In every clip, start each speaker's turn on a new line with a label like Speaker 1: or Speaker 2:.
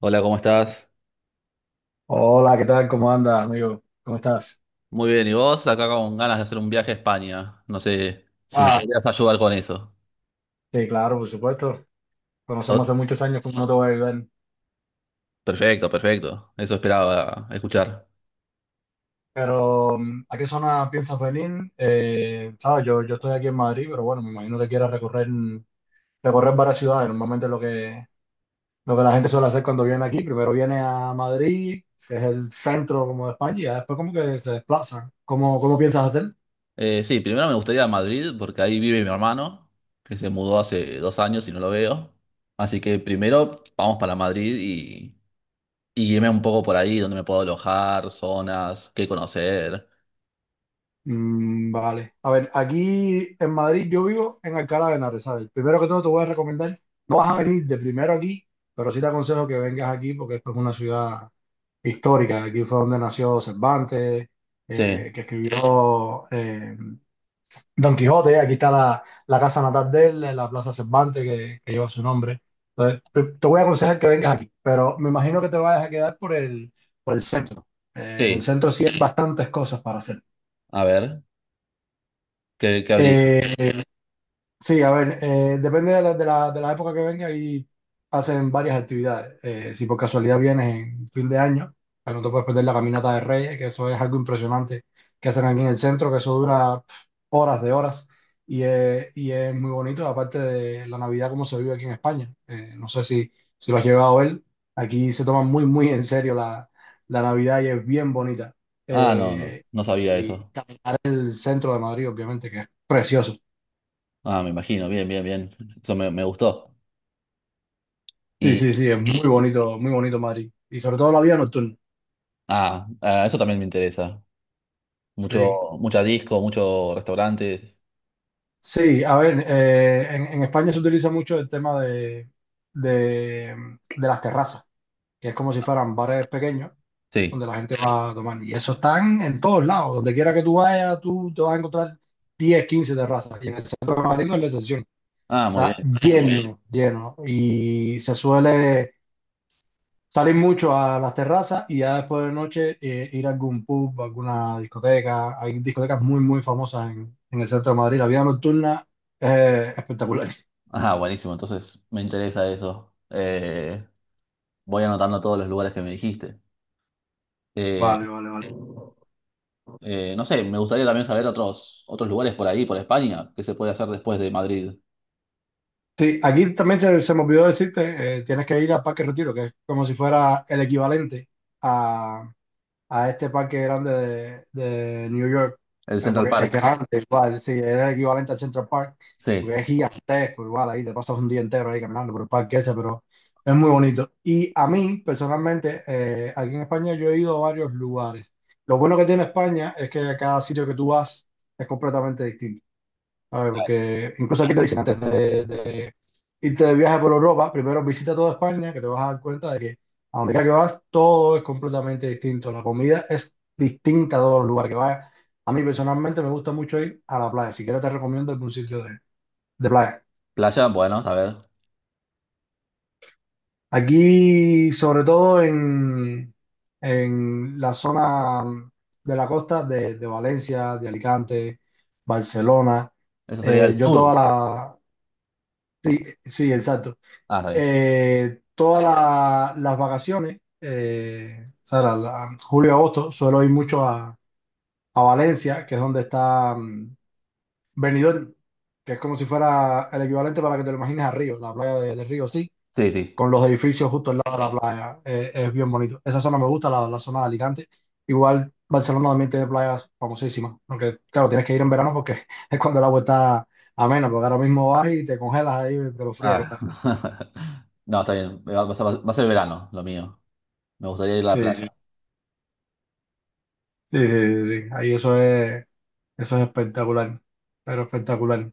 Speaker 1: Hola, ¿cómo estás?
Speaker 2: Hola, ¿qué tal? ¿Cómo andas, amigo? ¿Cómo estás?
Speaker 1: Muy bien, ¿y vos? Acá con ganas de hacer un viaje a España. No sé si me
Speaker 2: Ah,
Speaker 1: podrías ayudar con eso.
Speaker 2: Sí, claro, por supuesto. Conocemos hace
Speaker 1: So-
Speaker 2: muchos años, pues no te voy a ayudar.
Speaker 1: Perfecto, perfecto. Eso esperaba escuchar.
Speaker 2: Pero, ¿a qué zona piensas venir? Sabes, yo estoy aquí en Madrid, pero bueno, me imagino que quieras recorrer varias ciudades. Normalmente lo que la gente suele hacer cuando viene aquí, primero viene a Madrid, que es el centro como de España, y ya después como que se desplaza. ¿Cómo piensas hacer?
Speaker 1: Sí, primero me gustaría Madrid porque ahí vive mi hermano, que se mudó hace dos años y no lo veo. Así que primero vamos para Madrid y guíeme un poco por ahí, donde me puedo alojar, zonas, qué conocer.
Speaker 2: Vale. A ver, aquí en Madrid yo vivo en Alcalá de Henares, ¿sabes? Primero que todo te voy a recomendar, no vas a venir de primero aquí, pero sí te aconsejo que vengas aquí porque esto es una ciudad histórica. Aquí fue donde nació Cervantes,
Speaker 1: Sí,
Speaker 2: que escribió Don Quijote. Aquí está la casa natal de él, la Plaza Cervantes que lleva su nombre. Entonces, te voy a aconsejar que vengas aquí, pero me imagino que te vayas a quedar por por el centro. En el
Speaker 1: sí.
Speaker 2: centro sí hay bastantes cosas para hacer.
Speaker 1: A ver, ¿qué habría?
Speaker 2: Eh, Sí, a ver, depende de de la época que venga y hacen varias actividades. Si por casualidad vienes en fin de año, pues no te puedes perder la caminata de Reyes, que eso es algo impresionante que hacen aquí en el centro, que eso dura horas de horas y es muy bonito, aparte de la Navidad como se vive aquí en España. No sé si lo has llegado a ver, aquí se toma muy en serio la Navidad y es bien bonita.
Speaker 1: Ah, no, no,
Speaker 2: Eh,
Speaker 1: no sabía
Speaker 2: y
Speaker 1: eso.
Speaker 2: caminar el centro de Madrid, obviamente, que es precioso.
Speaker 1: Ah, me imagino. Bien, bien, bien. Eso me gustó.
Speaker 2: Sí,
Speaker 1: Y
Speaker 2: sí, sí, es muy bonito Madrid. Y sobre todo la vida nocturna.
Speaker 1: ah, ah, eso también me interesa. Mucho,
Speaker 2: Sí,
Speaker 1: mucha disco, muchos restaurantes.
Speaker 2: sí, a ver, en España se utiliza mucho el tema de, de las terrazas, que es como si fueran bares pequeños
Speaker 1: Sí.
Speaker 2: donde la gente va a tomar. Y eso están en todos lados, donde quiera que tú vayas, tú te vas a encontrar 10, 15 terrazas. Y en el centro de Madrid no es la excepción.
Speaker 1: Ah, muy
Speaker 2: Está
Speaker 1: bien.
Speaker 2: lleno, lleno. Y se suele salir mucho a las terrazas y ya después de noche ir a algún pub, alguna discoteca. Hay discotecas muy, muy famosas en el centro de Madrid. La vida nocturna es espectacular.
Speaker 1: Ah, buenísimo. Entonces me interesa eso. Voy anotando todos los lugares que me dijiste. Eh,
Speaker 2: Vale, vale, vale.
Speaker 1: no sé, me gustaría también saber otros, otros lugares por ahí, por España, que se puede hacer después de Madrid.
Speaker 2: Sí, aquí también se me olvidó decirte, tienes que ir al Parque Retiro, que es como si fuera el equivalente a este parque grande de New York,
Speaker 1: El Central Park.
Speaker 2: grande igual, sí, es el equivalente al Central Park,
Speaker 1: Sí.
Speaker 2: porque es gigantesco igual, ahí te pasas un día entero ahí caminando por el parque ese, pero es muy bonito. Y a mí, personalmente, aquí en España yo he ido a varios lugares. Lo bueno que tiene España es que cada sitio que tú vas es completamente distinto. A ver, porque incluso aquí te dicen antes de irte de viaje por Europa, primero visita toda España, que te vas a dar cuenta de que a donde quiera que vas, todo es completamente distinto. La comida es distinta a todos los lugares que vayas. A mí personalmente me gusta mucho ir a la playa. Si quieres te recomiendo algún sitio de playa.
Speaker 1: Playa, bueno, a ver.
Speaker 2: Aquí, sobre todo en la zona de la costa de Valencia, de Alicante, Barcelona,
Speaker 1: Eso sería el
Speaker 2: yo toda
Speaker 1: sur.
Speaker 2: la... Sí, exacto.
Speaker 1: Ah, está bien.
Speaker 2: Las vacaciones, o sea, julio y agosto, suelo ir mucho a Valencia, que es donde está Benidorm, que es como si fuera el equivalente para que te lo imagines a Río, la playa de Río, sí,
Speaker 1: Sí, sí.
Speaker 2: con los edificios justo al lado de la playa. Es bien bonito. Esa zona me gusta, la zona de Alicante. Igual Barcelona también tiene playas famosísimas, aunque claro, tienes que ir en verano porque es cuando el agua está amena, porque ahora mismo vas y te congelas ahí de lo fría que
Speaker 1: Ah.
Speaker 2: está.
Speaker 1: No, está bien. Va a ser verano, lo mío. Me gustaría ir a la
Speaker 2: Sí, sí.
Speaker 1: playa.
Speaker 2: Sí, sí, sí, sí. Ahí eso es espectacular, pero espectacular.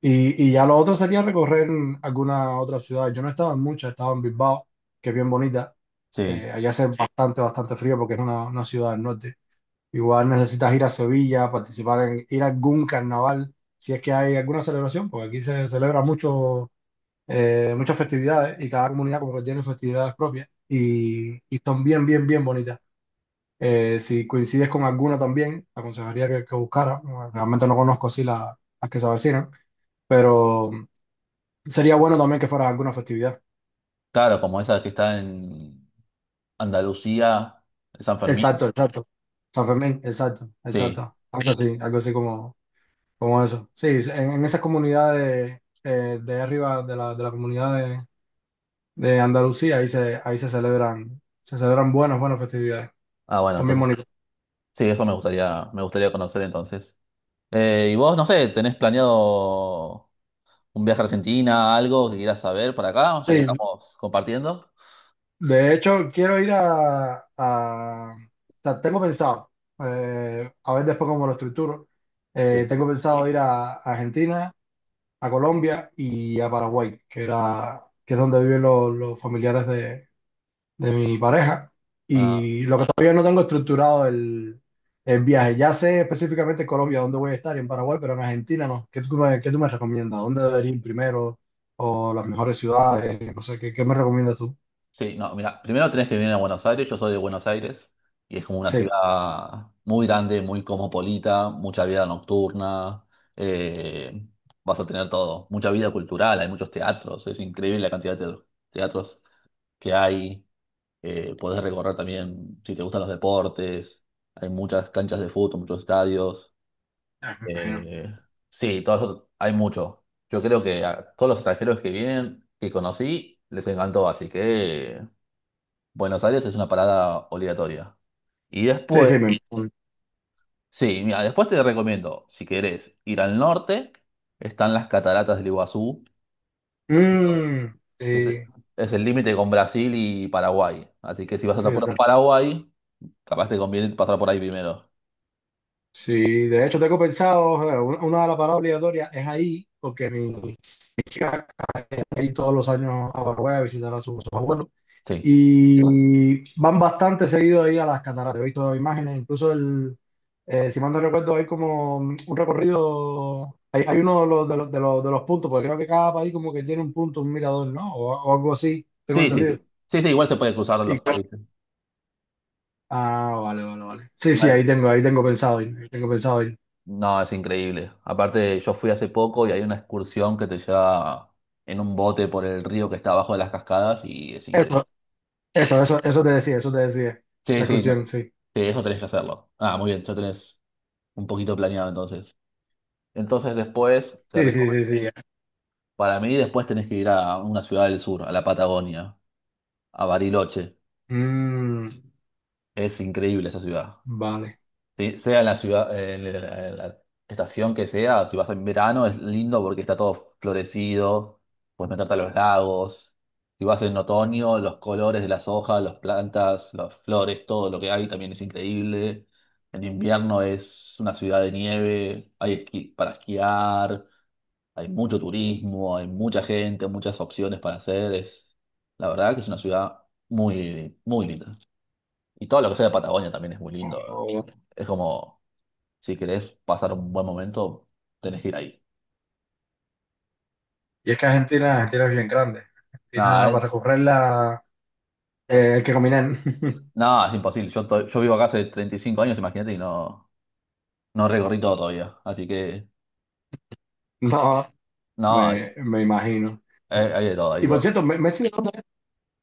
Speaker 2: Y ya lo otro sería recorrer alguna otra ciudad. Yo no he estado en muchas, he estado en Bilbao, que es bien bonita.
Speaker 1: Sí.
Speaker 2: Allá hace Sí. bastante, bastante frío porque es una ciudad del norte. Igual necesitas ir a Sevilla, participar en, ir a algún carnaval, si es que hay alguna celebración, porque aquí se celebra mucho, muchas festividades y cada comunidad como que tiene festividades propias y son bien, bien, bien bonitas. Si coincides con alguna también, te aconsejaría que buscara. No, realmente no conozco así la- las que se avecinan, pero sería bueno también que fuera alguna festividad.
Speaker 1: Claro, como esa que está en Andalucía, San Fermín.
Speaker 2: Exacto, exacto. San Fermín, exacto,
Speaker 1: Sí.
Speaker 2: exacto. Algo así como, como eso. Sí, en esas comunidades de arriba de la comunidad de Andalucía, ahí se celebran buenas, buenas festividades.
Speaker 1: Ah, bueno,
Speaker 2: Son bien
Speaker 1: entonces,
Speaker 2: bonitas.
Speaker 1: sí, eso me gustaría conocer entonces. Y vos, no sé, ¿tenés planeado un viaje a Argentina, algo que quieras saber para acá, ya que
Speaker 2: Sí,
Speaker 1: estamos compartiendo?
Speaker 2: de hecho, quiero ir o sea, tengo pensado, a ver después cómo lo estructuro,
Speaker 1: Sí.
Speaker 2: tengo pensado ir a Argentina, a Colombia y a Paraguay, que es donde viven los familiares de mi pareja. Y lo que todavía no tengo estructurado el viaje. Ya sé específicamente en Colombia dónde voy a estar y en Paraguay, pero en Argentina no. Qué tú me recomiendas? ¿Dónde debería ir primero? ¿O las mejores ciudades? No sé, qué me recomiendas tú?
Speaker 1: Sí, no, mira, primero tenés que venir a Buenos Aires, yo soy de Buenos Aires, y es como una
Speaker 2: Sí.
Speaker 1: ciudad muy grande, muy cosmopolita, mucha vida nocturna, eh, vas a tener todo, mucha vida cultural, hay muchos teatros, es increíble la cantidad de teatros que hay, podés recorrer también si te gustan los deportes, hay muchas canchas de fútbol, muchos estadios, eh, sí, todo eso, hay mucho. Yo creo que a todos los extranjeros que vienen, que conocí, les encantó, así que Buenos Aires es una parada obligatoria. Y
Speaker 2: Sí,
Speaker 1: después,
Speaker 2: sí, me...
Speaker 1: sí, mira, después te recomiendo, si querés ir al norte, están las cataratas del Iguazú, que son-
Speaker 2: Mm,
Speaker 1: que
Speaker 2: sí,
Speaker 1: es el límite con Brasil y Paraguay. Así que si vas
Speaker 2: sí,
Speaker 1: a por
Speaker 2: exacto.
Speaker 1: Paraguay, capaz te conviene pasar por ahí primero.
Speaker 2: Sí, de hecho tengo pensado, una de las paradas obligatorias es ahí, porque mi chica va ahí todos los años a Paraguay a visitar a sus abuelos.
Speaker 1: Sí,
Speaker 2: Y van bastante seguido ahí a las cataratas. He visto imágenes, incluso si mal no recuerdo, hay como un recorrido, hay uno de de los puntos, porque creo que cada país como que tiene un punto, un mirador, ¿no? O algo así, tengo
Speaker 1: sí, sí,
Speaker 2: entendido.
Speaker 1: sí. Sí, sí, igual se puede cruzar los países.
Speaker 2: Ah, vale, vale, vale. Sí, sí,
Speaker 1: Vale.
Speaker 2: ahí tengo pensado ir, ahí tengo pensado ir.
Speaker 1: No, es increíble. Aparte, yo fui hace poco y hay una excursión que te lleva en un bote por el río que está abajo de las cascadas y es increíble.
Speaker 2: Eso, eso te decía, eso te decía. La
Speaker 1: Sí, sí, no.
Speaker 2: excursión, sí.
Speaker 1: Sí, eso tenés que hacerlo. Ah, muy bien, ya tenés un poquito planeado entonces. Entonces después, te
Speaker 2: Sí, sí, sí,
Speaker 1: recomiendo,
Speaker 2: sí. Ya.
Speaker 1: para mí después tenés que ir a una ciudad del sur, a la Patagonia, a Bariloche.
Speaker 2: Mm,
Speaker 1: Es increíble esa ciudad.
Speaker 2: vale.
Speaker 1: Sí, sea en la ciudad, en la estación que sea, si vas en verano es lindo porque está todo florecido, puedes meterte a los lagos. Si vas en otoño, los colores de las hojas, las plantas, las flores, todo lo que hay también es increíble. En invierno es una ciudad de nieve, para esquiar, hay mucho turismo, hay mucha gente, muchas opciones para hacer. Es, la verdad que es una ciudad muy, muy linda. Y todo lo que sea de Patagonia también es muy lindo.
Speaker 2: Oh, vale.
Speaker 1: Es como si querés pasar un buen momento, tenés que ir ahí.
Speaker 2: Y es que Argentina, Argentina es bien grande. Argentina
Speaker 1: Nada, eh,
Speaker 2: para recorrerla hay que caminar.
Speaker 1: nada, es imposible. Yo vivo acá hace 35 años, imagínate, y no, no recorrí todo todavía. Así que,
Speaker 2: No,
Speaker 1: no, hay,
Speaker 2: me imagino.
Speaker 1: hay de todo, hay de
Speaker 2: Y por
Speaker 1: todo.
Speaker 2: cierto, Messi, ¿de ¿dónde es?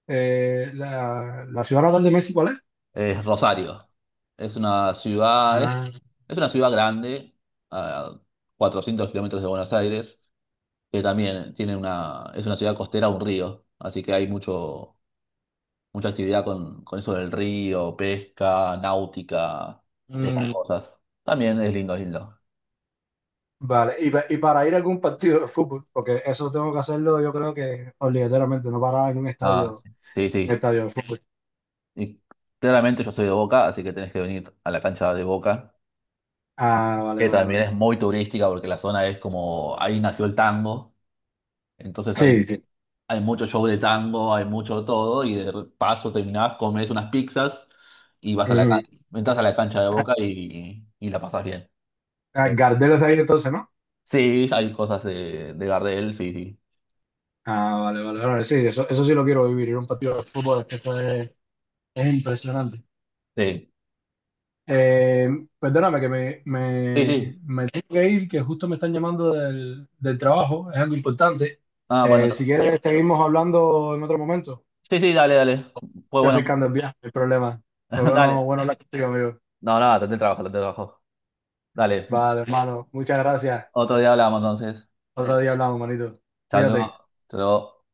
Speaker 2: La ciudad natal de Messi, ¿cuál es?
Speaker 1: Es Rosario. Es una ciudad, es,
Speaker 2: Ah,
Speaker 1: es una ciudad grande, a 400 kilómetros de Buenos Aires, que también tiene una, es una ciudad costera, un río. Así que hay mucho, mucha actividad con eso del río, pesca, náutica, todas esas
Speaker 2: mm.
Speaker 1: cosas. También es lindo, es lindo.
Speaker 2: Vale, y, y para ir a algún partido de fútbol, porque eso tengo que hacerlo yo creo que obligatoriamente, no parar en
Speaker 1: Ah, sí, sí,
Speaker 2: un
Speaker 1: sí.
Speaker 2: estadio de fútbol.
Speaker 1: Y claramente yo soy de Boca, así que tenés que venir a la cancha de Boca,
Speaker 2: Ah, vale,
Speaker 1: que
Speaker 2: vale,
Speaker 1: también
Speaker 2: vale.
Speaker 1: es muy turística porque la zona es como, ahí nació el tango, entonces ahí
Speaker 2: Sí, sí.
Speaker 1: hay mucho show de tango, hay mucho de todo, y de paso terminás, comes unas pizzas y vas a la
Speaker 2: Ujú.
Speaker 1: cancha, entras a la cancha de Boca y, la pasás bien.
Speaker 2: Ah,
Speaker 1: Eh,
Speaker 2: Gardel es de ahí entonces, ¿no?
Speaker 1: sí, hay cosas de Gardel, sí, sí.
Speaker 2: Ah, vale, vale, vale. Sí, eso sí lo quiero vivir, ir a un partido de fútbol, es que eso es impresionante.
Speaker 1: Sí,
Speaker 2: Eh, perdóname
Speaker 1: sí, sí.
Speaker 2: me tengo que ir, que justo me están llamando del trabajo, es algo importante.
Speaker 1: Ah, bueno,
Speaker 2: Si quieres, seguimos hablando en otro momento.
Speaker 1: sí, sí, dale, dale. Pues
Speaker 2: Ya
Speaker 1: bueno,
Speaker 2: acercando el viaje, el problema. Pues bueno,
Speaker 1: dale.
Speaker 2: bueno hablar contigo, amigo.
Speaker 1: No, nada, no, traté el trabajo, traté el trabajo. Dale.
Speaker 2: Vale, hermano, muchas gracias.
Speaker 1: Otro día hablamos entonces.
Speaker 2: Otro día hablamos, manito.
Speaker 1: Chao, luego.
Speaker 2: Cuídate.
Speaker 1: Hasta luego.